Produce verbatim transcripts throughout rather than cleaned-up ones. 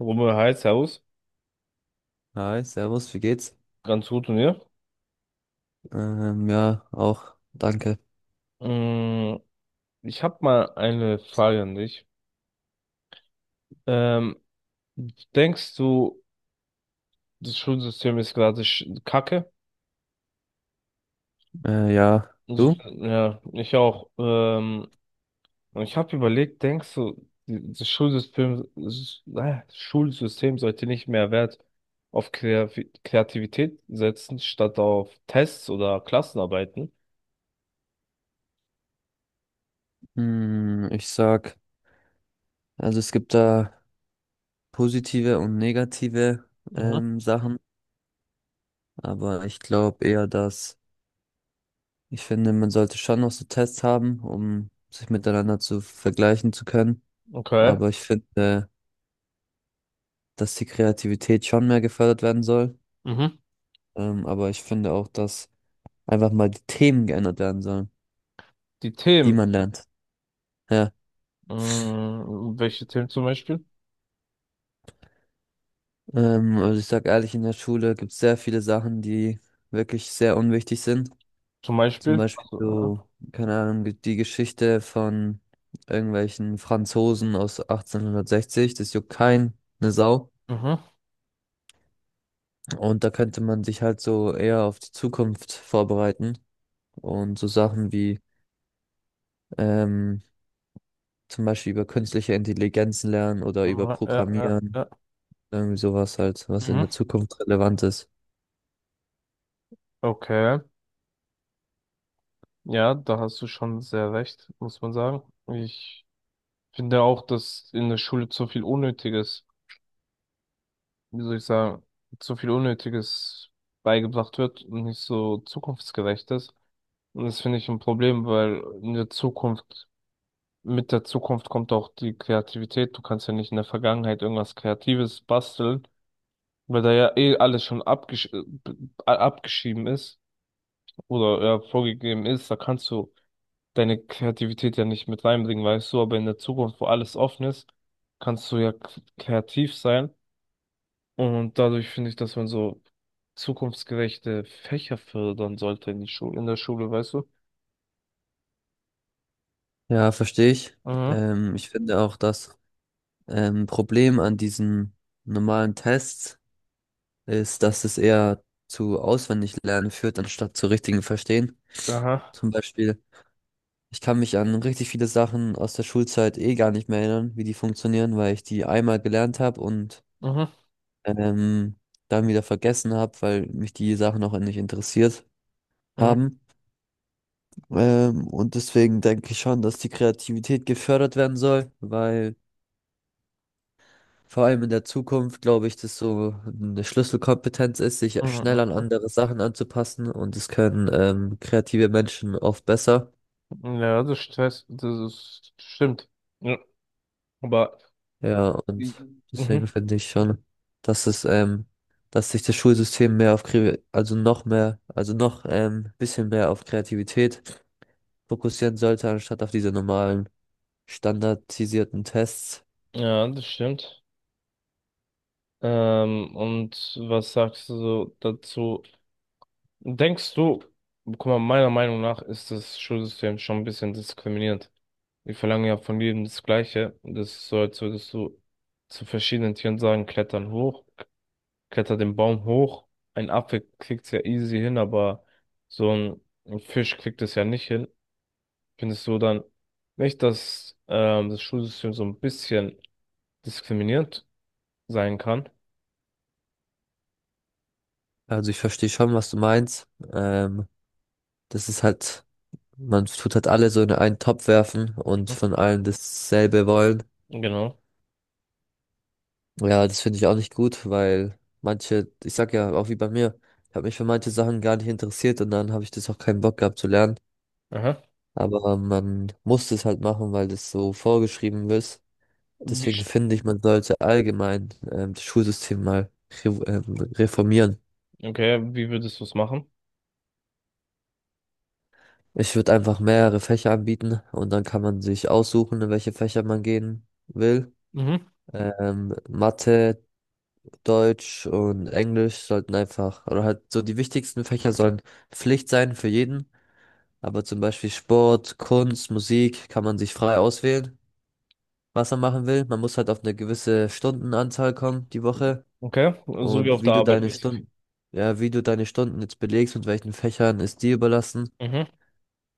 Rummel heißt Servus. Hi, Servus, wie geht's? Ganz gut und ihr? Ähm, ja, auch, danke. Mm, ich habe mal eine Frage an dich. Ähm, Denkst du, das Schulsystem ist gerade sch- Kacke? Äh, ja, Also, du? ja, ich auch. Ähm, und ich habe überlegt, denkst du, die- das Schulsystem, s- äh, Schulsystem sollte nicht mehr Wert auf Kreavi- Kreativität setzen, statt auf Tests oder Klassenarbeiten? Hm, ich sag, also es gibt da positive und negative Mhm. ähm, Sachen, aber ich glaube eher, dass ich finde, man sollte schon noch so Tests haben, um sich miteinander zu vergleichen zu können. Okay. Aber ich finde, dass die Kreativität schon mehr gefördert werden soll. Mhm. Ähm, aber ich finde auch, dass einfach mal die Themen geändert werden sollen, Die die Themen. man lernt. Ja. Mm, welche Themen zum Beispiel? Ähm, also ich sag ehrlich, in der Schule gibt es sehr viele Sachen, die wirklich sehr unwichtig sind. Zum Zum Beispiel. Beispiel So, ja. so, keine Ahnung, die die Geschichte von irgendwelchen Franzosen aus achtzehnhundertsechzig, das juckt keinen, ne Sau. Mhm. Und da könnte man sich halt so eher auf die Zukunft vorbereiten und so Sachen wie ähm, zum Beispiel über künstliche Intelligenzen lernen oder über Ja, ja, ja, Programmieren, ja. irgendwie sowas halt, was in Mhm. der Zukunft relevant ist. Okay. Ja, da hast du schon sehr recht, muss man sagen. Ich finde auch, dass in der Schule zu viel Unnötiges, wie soll ich sagen, zu viel Unnötiges beigebracht wird und nicht so zukunftsgerecht ist. Und das finde ich ein Problem, weil in der Zukunft, mit der Zukunft kommt auch die Kreativität. Du kannst ja nicht in der Vergangenheit irgendwas Kreatives basteln, weil da ja eh alles schon abgesch äh, b- abgeschrieben ist, oder ja, vorgegeben ist, da kannst du deine Kreativität ja nicht mit reinbringen, weißt du, aber in der Zukunft, wo alles offen ist, kannst du ja k- kreativ sein und dadurch finde ich, dass man so zukunftsgerechte Fächer fördern sollte in die Schule, in der Schule, weißt du? Ja, verstehe ich. Mhm. Ähm, ich finde auch, dass Ähm, Problem an diesen normalen Tests ist, dass es eher zu auswendig lernen führt, anstatt zu richtigen Verstehen. Aha. Zum Beispiel, ich kann mich an richtig viele Sachen aus der Schulzeit eh gar nicht mehr erinnern, wie die funktionieren, weil ich die einmal gelernt habe und Mhm. ähm, dann wieder vergessen habe, weil mich die Sachen auch nicht interessiert Mhm. haben. Ähm, und deswegen denke ich schon, dass die Kreativität gefördert werden soll, weil vor allem in der Zukunft glaube ich, dass so eine Schlüsselkompetenz ist, sich schnell an Mhm. andere Sachen anzupassen, und das können ähm, kreative Menschen oft besser. Mhm. Ja, das Stress, das ist, stimmt. Ja, aber Ja, und Mhm. deswegen Mhm. finde ich schon, dass es, ähm, dass sich das Schulsystem mehr auf, Kre- also noch mehr, also noch ähm, bisschen mehr auf Kreativität fokussieren sollte, anstatt auf diese normalen standardisierten Tests. Ja, das stimmt. Ähm, und was sagst du so dazu? Denkst du, guck mal, meiner Meinung nach ist das Schulsystem schon ein bisschen diskriminierend. Wir verlangen ja von jedem das Gleiche. Das ist so, als würdest du zu verschiedenen Tieren sagen, klettern hoch, kletter den Baum hoch. Ein Affe kriegt's ja easy hin, aber so ein, ein Fisch kriegt es ja nicht hin. Findest du dann nicht, dass ähm, das Schulsystem so ein bisschen diskriminierend sein kann? Also ich verstehe schon, was du meinst. Ähm, das ist halt man tut halt alle so in einen Topf werfen und Mhm. von allen dasselbe wollen. Genau. Ja, das finde ich auch nicht gut, weil manche, ich sag ja auch wie bei mir, ich habe mich für manche Sachen gar nicht interessiert und dann habe ich das auch keinen Bock gehabt zu lernen. Aha. Aber man muss es halt machen, weil das so vorgeschrieben ist. Wie, Deswegen sch- finde ich, man sollte allgemein ähm, das Schulsystem mal re ähm, reformieren. okay, wie würdest du es machen? Ich würde einfach mehrere Fächer anbieten und dann kann man sich aussuchen, in welche Fächer man gehen will. Mhm. Ähm, Mathe, Deutsch und Englisch sollten einfach, oder halt so die wichtigsten Fächer sollen Pflicht sein für jeden. Aber zum Beispiel Sport, Kunst, Musik kann man sich frei auswählen, was man machen will. Man muss halt auf eine gewisse Stundenanzahl kommen die Woche. Okay, so wie Und auf wie der du Arbeit deine cool. mäßig. Stunden, ja, wie du deine Stunden jetzt belegst und welchen Fächern ist dir überlassen. Mhm.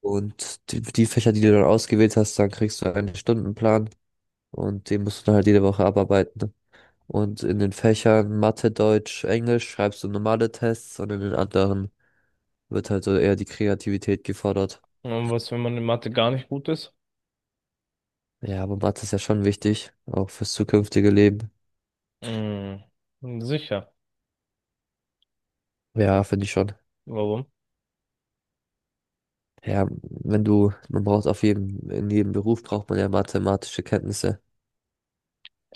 Und die, die Fächer, die du dann ausgewählt hast, dann kriegst du einen Stundenplan und den musst du dann halt jede Woche abarbeiten, ne? Und in den Fächern Mathe, Deutsch, Englisch schreibst du normale Tests und in den anderen wird halt so eher die Kreativität gefordert. Und was, wenn man in Mathe gar nicht gut ist? Ja, aber Mathe ist ja schon wichtig, auch fürs zukünftige Leben. Mhm. Sicher. Ja, finde ich schon. Warum? Ja, wenn du, man braucht auf jedem, in jedem Beruf braucht man ja mathematische Kenntnisse.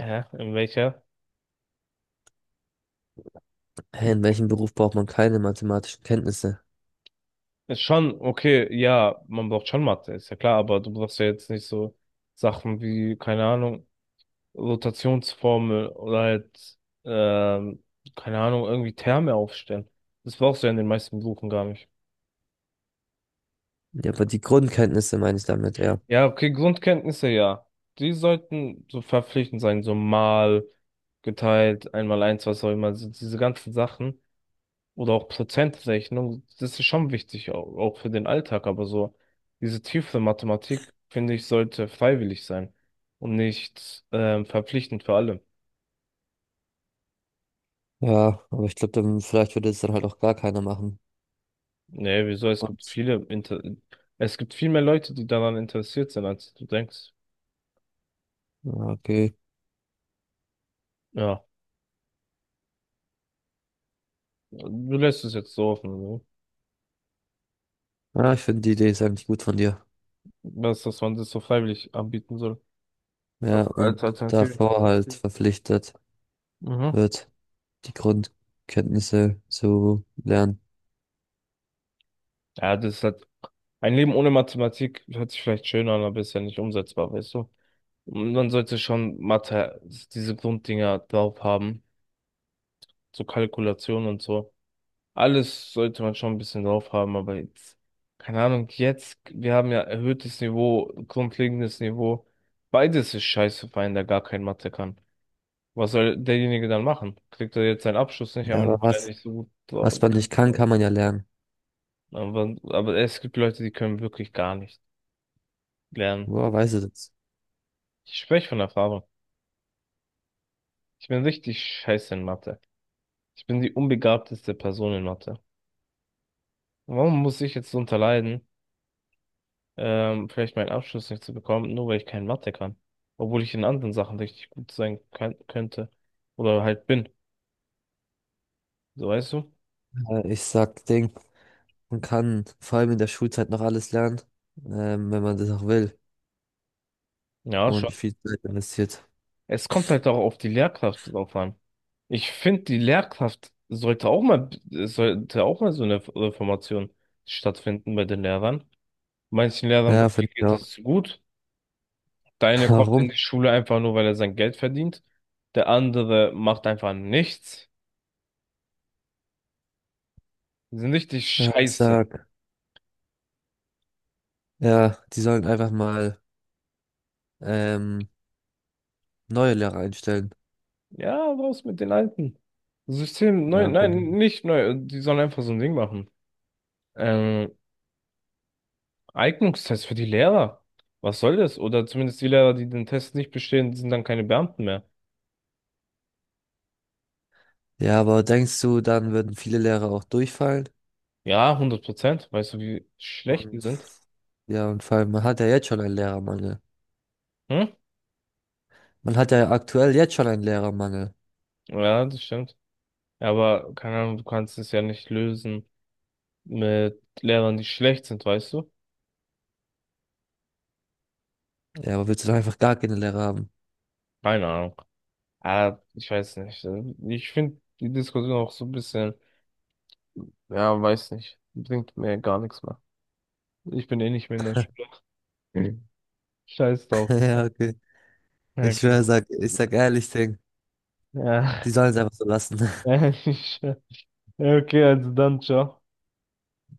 Hä? In welcher? Hä, in welchem Beruf braucht man keine mathematischen Kenntnisse? Ist schon, okay, ja, man braucht schon Mathe, ist ja klar, aber du brauchst ja jetzt nicht so Sachen wie, keine Ahnung, Rotationsformel oder halt, ähm, keine Ahnung, irgendwie Terme aufstellen. Das brauchst du ja in den meisten Berufen gar nicht. Ja, aber die Grundkenntnisse meine ich damit, ja. Ja, okay, Grundkenntnisse, ja. Die sollten so verpflichtend sein, so mal geteilt, einmal eins, was auch immer, also diese ganzen Sachen. Oder auch Prozentrechnung, das ist schon wichtig, au- auch für den Alltag, aber so diese tiefe Mathematik, finde ich, sollte freiwillig sein und nicht ähm, verpflichtend für alle. Ja, aber ich glaube, dann vielleicht würde es dann halt auch gar keiner machen. Nee, wieso? Es gibt Und, viele, Inter es gibt viel mehr Leute, die daran interessiert sind, als du denkst. ja, okay. Ja, du lässt es jetzt so offen, ne? Ja, ich finde die Idee ist eigentlich gut von dir. Was, dass man das so freiwillig anbieten soll. Ja, Als als und Alternative. davor halt verpflichtet Mhm. wird, die Grundkenntnisse zu lernen. Ja, das ist halt ein Leben ohne Mathematik hört sich vielleicht schön an, aber ist ja nicht umsetzbar, weißt du? Und man sollte schon Mathe, diese Grunddinger drauf haben, so Kalkulation und so. Alles sollte man schon ein bisschen drauf haben, aber jetzt, keine Ahnung, jetzt, wir haben ja erhöhtes Niveau, grundlegendes Niveau. Beides ist scheiße für einen, der gar kein Mathe kann. Was soll derjenige dann machen? Kriegt er jetzt seinen Abschluss nicht, Ja, aber aber was, nicht so gut. was man nicht kann, kann man ja lernen. Aber, aber es gibt Leute, die können wirklich gar nicht lernen. Woher weiß ich das? Ich spreche von Erfahrung. Ich bin richtig scheiße in Mathe. Ich bin die unbegabteste Person in Mathe. Warum muss ich jetzt darunter leiden, ähm, vielleicht meinen Abschluss nicht zu bekommen, nur weil ich kein Mathe kann? Obwohl ich in anderen Sachen richtig gut sein kann, könnte. Oder halt bin. So weißt du? Äh, ich sag, Ding, man kann vor allem in der Schulzeit noch alles lernen, ähm, wenn man das auch will Ja, schon. und viel Zeit investiert. Es kommt halt auch auf die Lehrkraft drauf an. Ich finde, die Lehrkraft sollte auch mal, sollte auch mal so eine Reformation stattfinden bei den Lehrern. Manchen Lehrern bei Ja, mir finde ich geht auch. es gut. Der eine kommt in Warum? die Schule einfach nur, weil er sein Geld verdient. Der andere macht einfach nichts. Die sind richtig Ja, ich scheiße. sag, ja, die sollen einfach mal ähm, neue Lehrer einstellen. Ja, raus mit den alten. System neu, Ja, finde ich. nein, nicht neu. Die sollen einfach so ein Ding machen. Ähm, Eignungstest für die Lehrer. Was soll das? Oder zumindest die Lehrer, die den Test nicht bestehen, sind dann keine Beamten mehr. Ja, aber denkst du, dann würden viele Lehrer auch durchfallen? Ja, hundert Prozent. Weißt du, wie schlecht die Und sind? ja, und vor allem, man hat ja jetzt schon einen Lehrermangel. Hm? Man hat ja aktuell jetzt schon einen Lehrermangel. Ja, das stimmt. Ja, aber keine Ahnung, du kannst es ja nicht lösen mit Lehrern, die schlecht sind, weißt du? Ja, aber willst du doch einfach gar keine Lehrer haben? Keine Ahnung. Ah, ich weiß nicht. Ich finde die Diskussion auch so ein bisschen, ja, weiß nicht, bringt mir gar nichts mehr. Ich bin eh nicht mehr in der Schule. Mhm. Scheiß drauf. Ja, okay. Ja, Ich okay. schwör, sag, ich sag ehrlich, Ding. Die Ja, sollen es einfach so lassen. ja, okay, also dann, ciao.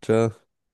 Ciao.